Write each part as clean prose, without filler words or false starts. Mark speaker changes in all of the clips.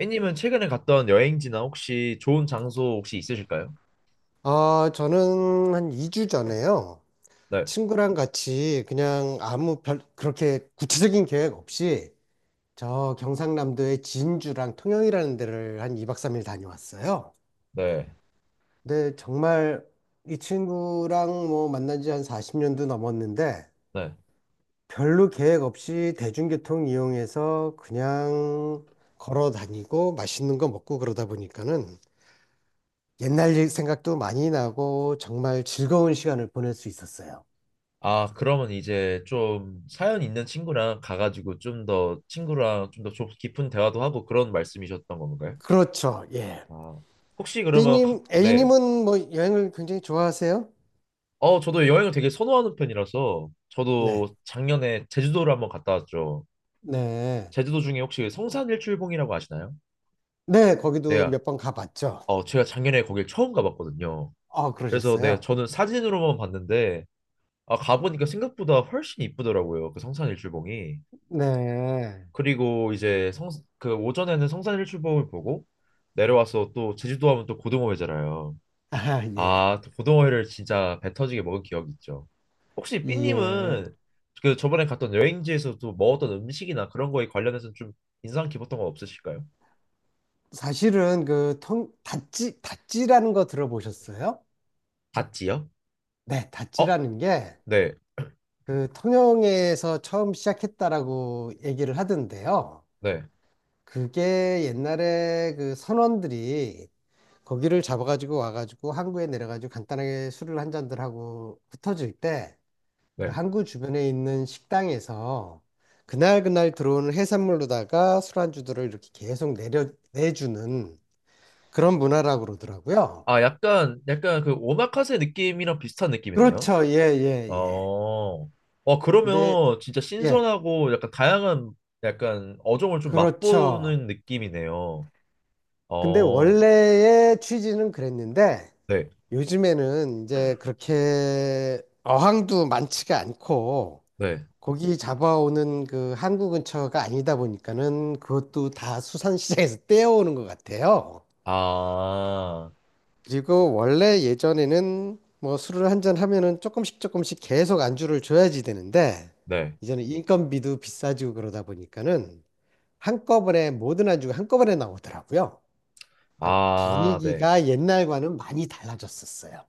Speaker 1: A님은 최근에 갔던 여행지나 혹시 좋은 장소 혹시 있으실까요?
Speaker 2: 아, 저는 한 2주 전에요.
Speaker 1: 네,
Speaker 2: 친구랑 같이 그냥 그렇게 구체적인 계획 없이 저 경상남도의 진주랑 통영이라는 데를 한 2박 3일 다녀왔어요.
Speaker 1: 네,
Speaker 2: 근데 정말 이 친구랑 뭐 만난 지 한 40년도 넘었는데
Speaker 1: 네.
Speaker 2: 별로 계획 없이 대중교통 이용해서 그냥 걸어 다니고 맛있는 거 먹고 그러다 보니까는 옛날 일 생각도 많이 나고 정말 즐거운 시간을 보낼 수 있었어요.
Speaker 1: 아, 그러면 이제 좀 사연 있는 친구랑 가가지고 좀 더 친구랑 좀 더 깊은 대화도 하고 그런 말씀이셨던 건가요?
Speaker 2: 그렇죠. 예.
Speaker 1: 아, 혹시 그러면 가-
Speaker 2: B님,
Speaker 1: 네.
Speaker 2: A님은 뭐 여행을 굉장히 좋아하세요?
Speaker 1: 어, 저도 여행을 되게 선호하는 편이라서 저도
Speaker 2: 네.
Speaker 1: 작년에 제주도를 한번 갔다 왔죠.
Speaker 2: 네.
Speaker 1: 제주도 중에 혹시 성산일출봉이라고 아시나요?
Speaker 2: 네, 거기도
Speaker 1: 네,
Speaker 2: 몇 번 가봤죠.
Speaker 1: 어, 제가 작년에 거길 처음 가봤거든요.
Speaker 2: 아,
Speaker 1: 그래서 네,
Speaker 2: 그러셨어요?
Speaker 1: 저는 사진으로만 봤는데 아, 가보니까 생각보다 훨씬 이쁘더라고요. 그 성산일출봉이.
Speaker 2: 네.
Speaker 1: 그리고 이제 성, 그 오전에는 성산일출봉을 보고 내려와서 또 제주도 하면 또 고등어 회잖아요.
Speaker 2: 아, 예.
Speaker 1: 아, 또 고등어 회를 진짜 배 터지게 먹은 기억이 있죠. 혹시
Speaker 2: 예.
Speaker 1: 삐님은 그 저번에 갔던 여행지에서 도 먹었던 음식이나 그런 거에 관련해서 좀 인상 깊었던 거 없으실까요?
Speaker 2: 사실은 다찌, 다찌라는 거 들어보셨어요?
Speaker 1: 닷지요?
Speaker 2: 네,
Speaker 1: 어,
Speaker 2: 다찌라는 게
Speaker 1: 네,
Speaker 2: 그 통영에서 처음 시작했다라고 얘기를 하던데요.
Speaker 1: 네,
Speaker 2: 그게 옛날에 그 선원들이 거기를 잡아가지고 와가지고 항구에 내려가지고 간단하게 술을 한 잔들 하고 흩어질 때 그
Speaker 1: 네.
Speaker 2: 항구 주변에 있는 식당에서 그날그날 들어오는 해산물로다가 술안주들을 이렇게 계속 내주는 그런 문화라고 그러더라고요.
Speaker 1: 아, 약간, 약간 그 오마카세 느낌이랑 비슷한 느낌이네요.
Speaker 2: 그렇죠. 예, 예, 예.
Speaker 1: 어, 와,
Speaker 2: 근데,
Speaker 1: 그러면 진짜
Speaker 2: 예,
Speaker 1: 신선하고 약간 다양한 약간 어종을 좀
Speaker 2: 그렇죠.
Speaker 1: 맛보는 느낌이네요.
Speaker 2: 근데
Speaker 1: 어,
Speaker 2: 원래의 취지는 그랬는데
Speaker 1: 네,
Speaker 2: 요즘에는 이제 그렇게 어항도 많지가 않고
Speaker 1: 네.
Speaker 2: 고기 잡아오는 그 한국 근처가 아니다 보니까는 그것도 다 수산시장에서 떼어오는 것 같아요.
Speaker 1: 아,
Speaker 2: 그리고 원래 예전에는 뭐 술을 한 잔 하면은 조금씩 조금씩 계속 안주를 줘야지 되는데
Speaker 1: 네.
Speaker 2: 이제는 인건비도 비싸지고 그러다 보니까는 한꺼번에 모든 안주가 한꺼번에 나오더라고요. 그러니까
Speaker 1: 아, 네.
Speaker 2: 분위기가 옛날과는 많이 달라졌었어요.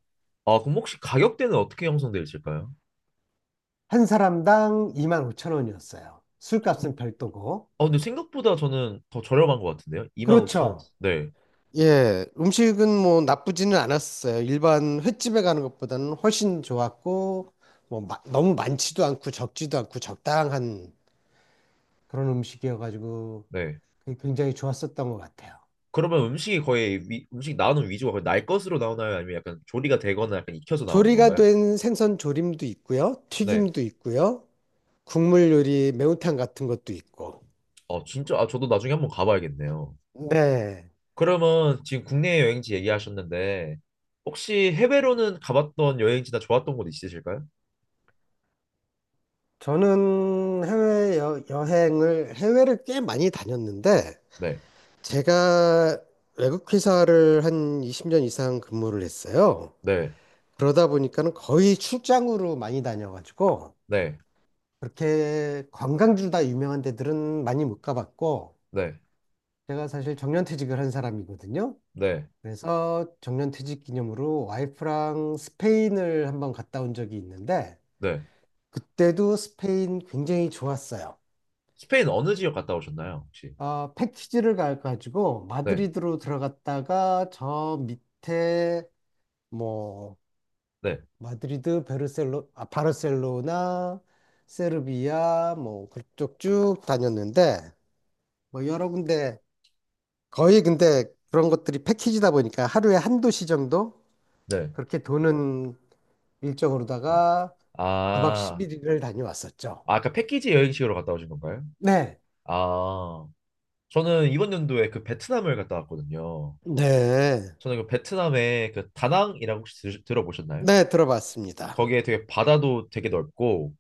Speaker 1: 아, 그럼 혹시 가격대는 어떻게 형성되어 있을까요?
Speaker 2: 한 사람당 2만 5천 원이었어요. 술값은 별도고.
Speaker 1: 아, 근데 생각보다 저는 더 저렴한 것 같은데요? 25,000원.
Speaker 2: 그렇죠.
Speaker 1: 네,
Speaker 2: 예, 음식은 뭐 나쁘지는 않았어요. 일반 횟집에 가는 것보다는 훨씬 좋았고, 뭐 너무 많지도 않고 적지도 않고 적당한 그런 음식이어가지고
Speaker 1: 네.
Speaker 2: 굉장히 좋았었던 것 같아요.
Speaker 1: 그러면 음식이 거의 위, 음식 나오는 위주가 거의 날 것으로 나오나요? 아니면 약간 조리가 되거나 약간 익혀서 나오는
Speaker 2: 조리가
Speaker 1: 건가요?
Speaker 2: 된 생선 조림도 있고요,
Speaker 1: 네.
Speaker 2: 튀김도 있고요, 국물 요리 매운탕 같은 것도 있고.
Speaker 1: 어, 진짜, 아, 저도 나중에 한번 가봐야겠네요.
Speaker 2: 네,
Speaker 1: 그러면 지금 국내 여행지 얘기하셨는데 혹시 해외로는 가봤던 여행지나 좋았던 곳 있으실까요?
Speaker 2: 저는 해외 여행을 해외를 꽤 많이 다녔는데
Speaker 1: 네,
Speaker 2: 제가 외국 회사를 한 20년 이상 근무를 했어요.
Speaker 1: 네,
Speaker 2: 그러다 보니까는 거의 출장으로 많이 다녀가지고
Speaker 1: 네,
Speaker 2: 그렇게 관광지로 다 유명한 데들은 많이 못 가봤고
Speaker 1: 네,
Speaker 2: 제가 사실 정년퇴직을 한 사람이거든요.
Speaker 1: 네,
Speaker 2: 그래서 정년퇴직 기념으로 와이프랑 스페인을 한번 갔다 온 적이 있는데
Speaker 1: 네.
Speaker 2: 그때도 스페인 굉장히 좋았어요.
Speaker 1: 스페인 어느 지역 갔다 오셨나요, 혹시?
Speaker 2: 어, 패키지를 가가지고
Speaker 1: 네,
Speaker 2: 마드리드로 들어갔다가 저 밑에 뭐
Speaker 1: 네,
Speaker 2: 마드리드, 바르셀로나, 세르비아, 뭐, 그쪽 쭉 다녔는데, 뭐, 여러 군데, 거의 근데 그런 것들이 패키지다 보니까 하루에 한 도시 정도?
Speaker 1: 네.
Speaker 2: 그렇게 도는
Speaker 1: 아,
Speaker 2: 일정으로다가 9박
Speaker 1: 아,
Speaker 2: 11일을 다녀왔었죠.
Speaker 1: 아, 까 패키지 여행식으로 갔다 오신 건가요?
Speaker 2: 네.
Speaker 1: 아, 저는 이번 연도에 그 베트남을 갔다 왔거든요.
Speaker 2: 네.
Speaker 1: 저는 그 베트남의 그 다낭이라고 혹시 들, 들어보셨나요?
Speaker 2: 네, 들어봤습니다.
Speaker 1: 거기에 되게 바다도 되게 넓고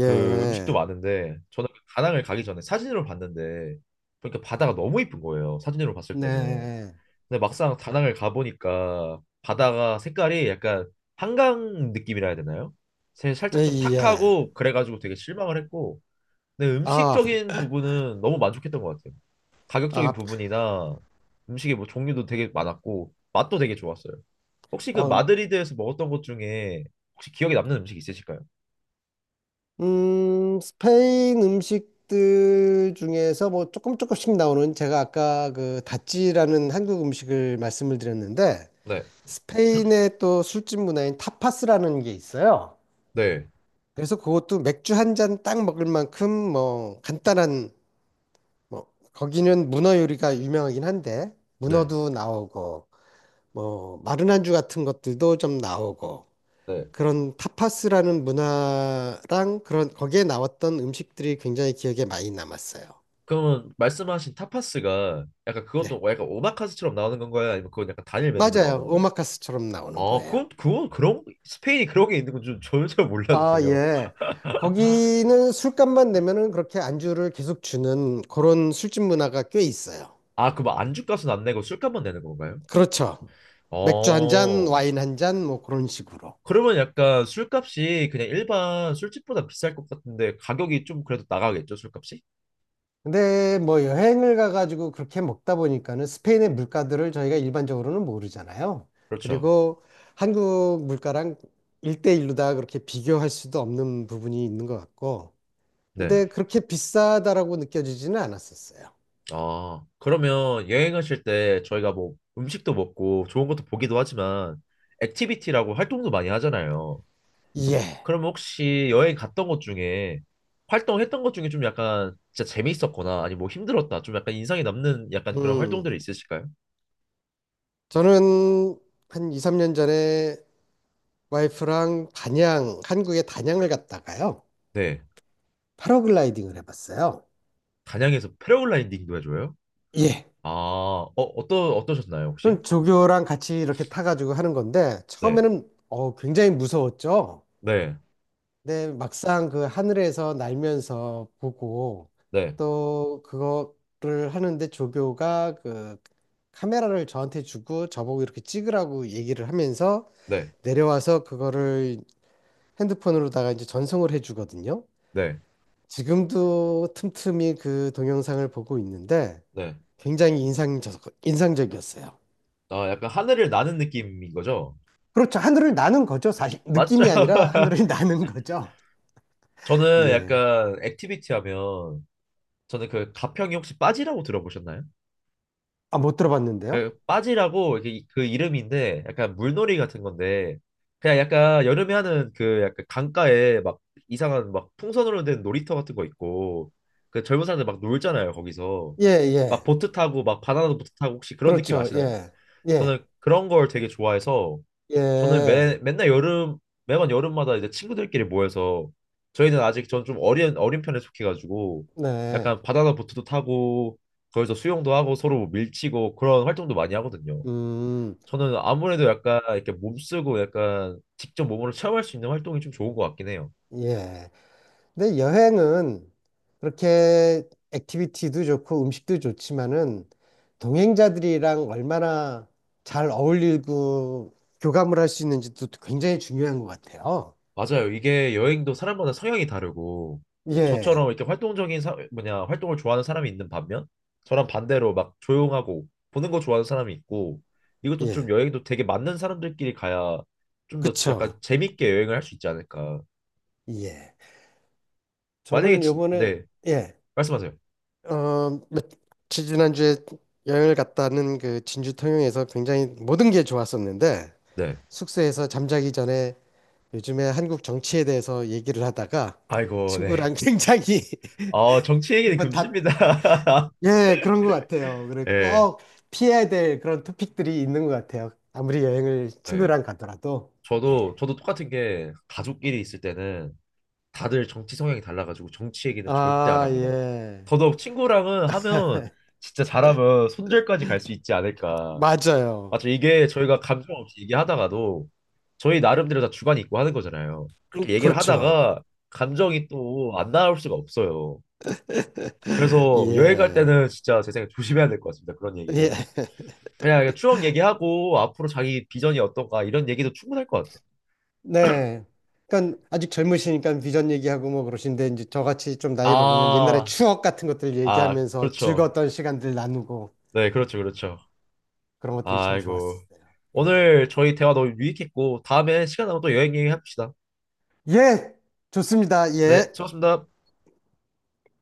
Speaker 1: 그 음식도 많은데 저는 다낭을 가기 전에 사진으로 봤는데 그러니까 바다가 너무 이쁜 거예요. 사진으로 봤을 때는.
Speaker 2: 네.
Speaker 1: 근데 막상 다낭을 가보니까 바다가 색깔이 약간 한강 느낌이라 해야 되나요? 새- 살짝 좀
Speaker 2: 예.
Speaker 1: 탁하고 그래가지고 되게 실망을 했고 근데
Speaker 2: 아,
Speaker 1: 음식적인 부분은 너무 만족했던 것 같아요.
Speaker 2: 아,
Speaker 1: 가격적인 부분이나 음식의 뭐 종류도 되게 많았고 맛도 되게 좋았어요. 혹시 그
Speaker 2: 어,
Speaker 1: 마드리드에서 먹었던 것 중에 혹시 기억에 남는 음식 있으실까요?
Speaker 2: 스페인 음식들 중에서 뭐 조금 조금씩 나오는 제가 아까 그 다찌라는 한국 음식을 말씀을 드렸는데
Speaker 1: 네,
Speaker 2: 스페인의 또 술집 문화인 타파스라는 게 있어요.
Speaker 1: 네,
Speaker 2: 그래서 그것도 맥주 한 잔 딱 먹을 만큼 뭐 간단한 뭐 거기는 문어 요리가 유명하긴 한데
Speaker 1: 네.
Speaker 2: 문어도 나오고 뭐 마른 안주 같은 것들도 좀 나오고
Speaker 1: 네.
Speaker 2: 그런 타파스라는 문화랑 그런 거기에 나왔던 음식들이 굉장히 기억에 많이 남았어요.
Speaker 1: 그러면 말씀하신 타파스가 약간
Speaker 2: 네,
Speaker 1: 그것도 약간 오마카세처럼 나오는 건가요? 아니면 그건 약간 단일 메뉴로
Speaker 2: 맞아요.
Speaker 1: 나오는 거예요?
Speaker 2: 오마카스처럼 나오는
Speaker 1: 아,
Speaker 2: 거예요.
Speaker 1: 그건 그런 스페인이 그런 게 있는 건 좀 전혀
Speaker 2: 아,
Speaker 1: 몰랐네요.
Speaker 2: 예. 거기는 술값만 내면은 그렇게 안주를 계속 주는 그런 술집 문화가 꽤 있어요.
Speaker 1: 아, 그럼 안주값은 안 내고 술값만 내는 건가요?
Speaker 2: 그렇죠. 맥주 한 잔,
Speaker 1: 어,
Speaker 2: 와인 한 잔, 뭐 그런 식으로.
Speaker 1: 그러면 약간 술값이 그냥 일반 술집보다 비쌀 것 같은데 가격이 좀 그래도 나가겠죠, 술값이?
Speaker 2: 근데 뭐 여행을 가가지고 그렇게 먹다 보니까는 스페인의 물가들을 저희가 일반적으로는 모르잖아요.
Speaker 1: 그렇죠.
Speaker 2: 그리고 한국 물가랑 일대일로다 그렇게 비교할 수도 없는 부분이 있는 것 같고.
Speaker 1: 네.
Speaker 2: 근데 그렇게 비싸다라고 느껴지지는 않았었어요.
Speaker 1: 아, 그러면 여행하실 때 저희가 뭐 음식도 먹고 좋은 것도 보기도 하지만 액티비티라고 활동도 많이 하잖아요.
Speaker 2: 예.
Speaker 1: 그럼 혹시 여행 갔던 것 중에 활동했던 것 중에 좀 약간 진짜 재미있었거나 아니 뭐 힘들었다 좀 약간 인상이 남는 약간 그런
Speaker 2: 음.
Speaker 1: 활동들이 있으실까요?
Speaker 2: 저는 한 이삼 년 전에 와이프랑 단양, 한국의 단양을 갔다가요.
Speaker 1: 네.
Speaker 2: 패러글라이딩을 해봤어요.
Speaker 1: 단양에서 패러글라이딩도 해줘요?
Speaker 2: 예.
Speaker 1: 아, 어, 어떠, 어떠셨나요, 혹시?
Speaker 2: 그럼 조교랑 같이 이렇게 타가지고 하는 건데,
Speaker 1: 네.
Speaker 2: 처음에는 굉장히 무서웠죠?
Speaker 1: 네.
Speaker 2: 근데 막상 그 하늘에서 날면서 보고,
Speaker 1: 네.
Speaker 2: 또 그거를 하는데 조교가 그 카메라를 저한테 주고 저보고 이렇게 찍으라고 얘기를 하면서
Speaker 1: 네.
Speaker 2: 내려와서 그거를 핸드폰으로다가 이제 전송을 해주거든요.
Speaker 1: 네.
Speaker 2: 지금도 틈틈이 그 동영상을 보고 있는데
Speaker 1: 네.
Speaker 2: 굉장히 인상적이었어요.
Speaker 1: 아, 약간 하늘을 나는 느낌인 거죠?
Speaker 2: 그렇죠. 하늘을 나는 거죠. 사실
Speaker 1: 맞죠?
Speaker 2: 느낌이 아니라 하늘을 나는 거죠.
Speaker 1: 저는
Speaker 2: 예.
Speaker 1: 약간 액티비티 하면 저는 그 가평이 혹시 빠지라고 들어보셨나요?
Speaker 2: 아, 못 들어봤는데요?
Speaker 1: 그 빠지라고 이렇게 그 이름인데 약간 물놀이 같은 건데 그냥 약간 여름에 하는 그 약간 강가에 막 이상한 막 풍선으로 된 놀이터 같은 거 있고 그 젊은 사람들 막 놀잖아요 거기서
Speaker 2: 예,
Speaker 1: 막
Speaker 2: 예.
Speaker 1: 보트 타고 막 바나나 보트 타고 혹시 그런 느낌
Speaker 2: 그렇죠.
Speaker 1: 아시나요?
Speaker 2: 예. 예.
Speaker 1: 저는 그런 걸 되게 좋아해서 저는 매,
Speaker 2: 예.
Speaker 1: 맨날 여름 매번 여름마다 이제 친구들끼리 모여서 저희는 아직 전 좀 어린 편에 속해가지고
Speaker 2: 네.
Speaker 1: 약간 바나나 보트도 타고 거기서 수영도 하고 서로 뭐 밀치고 그런 활동도 많이 하거든요.
Speaker 2: 음.
Speaker 1: 저는 아무래도 약간 이렇게 몸쓰고 약간 직접 몸으로 체험할 수 있는 활동이 좀 좋은 것 같긴 해요.
Speaker 2: 예. 근데 여행은 그렇게 액티비티도 좋고 음식도 좋지만은 동행자들이랑 얼마나 잘 어울리고 교감을 할 수 있는지도 굉장히 중요한 것 같아요.
Speaker 1: 맞아요. 이게 여행도 사람마다 성향이 다르고 저처럼
Speaker 2: 예.
Speaker 1: 이렇게 활동적인 사, 뭐냐 활동을 좋아하는 사람이 있는 반면 저랑 반대로 막 조용하고 보는 거 좋아하는 사람이 있고 이것도 좀
Speaker 2: 예.
Speaker 1: 여행도 되게 맞는 사람들끼리 가야 좀 더
Speaker 2: 그쵸.
Speaker 1: 약간 재밌게 여행을 할 수 있지 않을까.
Speaker 2: 예.
Speaker 1: 만약에
Speaker 2: 저는
Speaker 1: 진,
Speaker 2: 요번에
Speaker 1: 네
Speaker 2: 예.
Speaker 1: 말씀하세요.
Speaker 2: 며칠 지난주에 여행을 갔다는 그 진주 통영에서 굉장히 모든 게 좋았었는데
Speaker 1: 네.
Speaker 2: 숙소에서 잠자기 전에 요즘에 한국 정치에 대해서 얘기를 하다가
Speaker 1: 아이고 네.
Speaker 2: 친구랑 굉장히
Speaker 1: 아 정치 얘기는
Speaker 2: 한번 다,
Speaker 1: 금지입니다.
Speaker 2: 예, 그런 것 같아요. 그래,
Speaker 1: 예.
Speaker 2: 꼭 피해야 될 그런 토픽들이 있는 것 같아요. 아무리 여행을
Speaker 1: 예.
Speaker 2: 친구랑 가더라도.
Speaker 1: 저도
Speaker 2: 예.
Speaker 1: 저도 똑같은 게 가족끼리 있을 때는 다들 정치 성향이 달라가지고 정치 얘기는 절대 안
Speaker 2: 아,
Speaker 1: 합니다.
Speaker 2: 예.
Speaker 1: 더더욱 친구랑은 하면 진짜 잘하면 손절까지 갈 수 있지 않을까.
Speaker 2: 맞아요.
Speaker 1: 맞죠? 이게 저희가 감정 없이 얘기하다가도 저희 나름대로 다 주관이 있고 하는 거잖아요. 그렇게 얘기를
Speaker 2: 그렇죠.
Speaker 1: 하다가 감정이 또 안 나올 수가 없어요. 그래서 여행 갈
Speaker 2: 예.
Speaker 1: 때는 진짜 제 생각에 조심해야 될 것 같습니다. 그런
Speaker 2: 예.
Speaker 1: 얘기는. 그냥 추억 얘기하고 앞으로 자기 비전이 어떤가 이런 얘기도 충분할 것 같아요.
Speaker 2: 네. 그러니까 아직 젊으시니까 비전 얘기하고 뭐 그러신데 이제 저같이 좀 나이 먹으면 옛날에
Speaker 1: 아,
Speaker 2: 추억 같은 것들
Speaker 1: 아,
Speaker 2: 얘기하면서
Speaker 1: 그렇죠.
Speaker 2: 즐거웠던 시간들 나누고
Speaker 1: 네, 그렇죠, 그렇죠.
Speaker 2: 그런 것들이 참
Speaker 1: 아이고.
Speaker 2: 좋았어요. 예.
Speaker 1: 오늘 저희 대화 너무 유익했고, 다음에 시간 나면 또 여행 얘기합시다.
Speaker 2: 예. 좋습니다.
Speaker 1: 네,
Speaker 2: 예.
Speaker 1: 수고하셨습니다.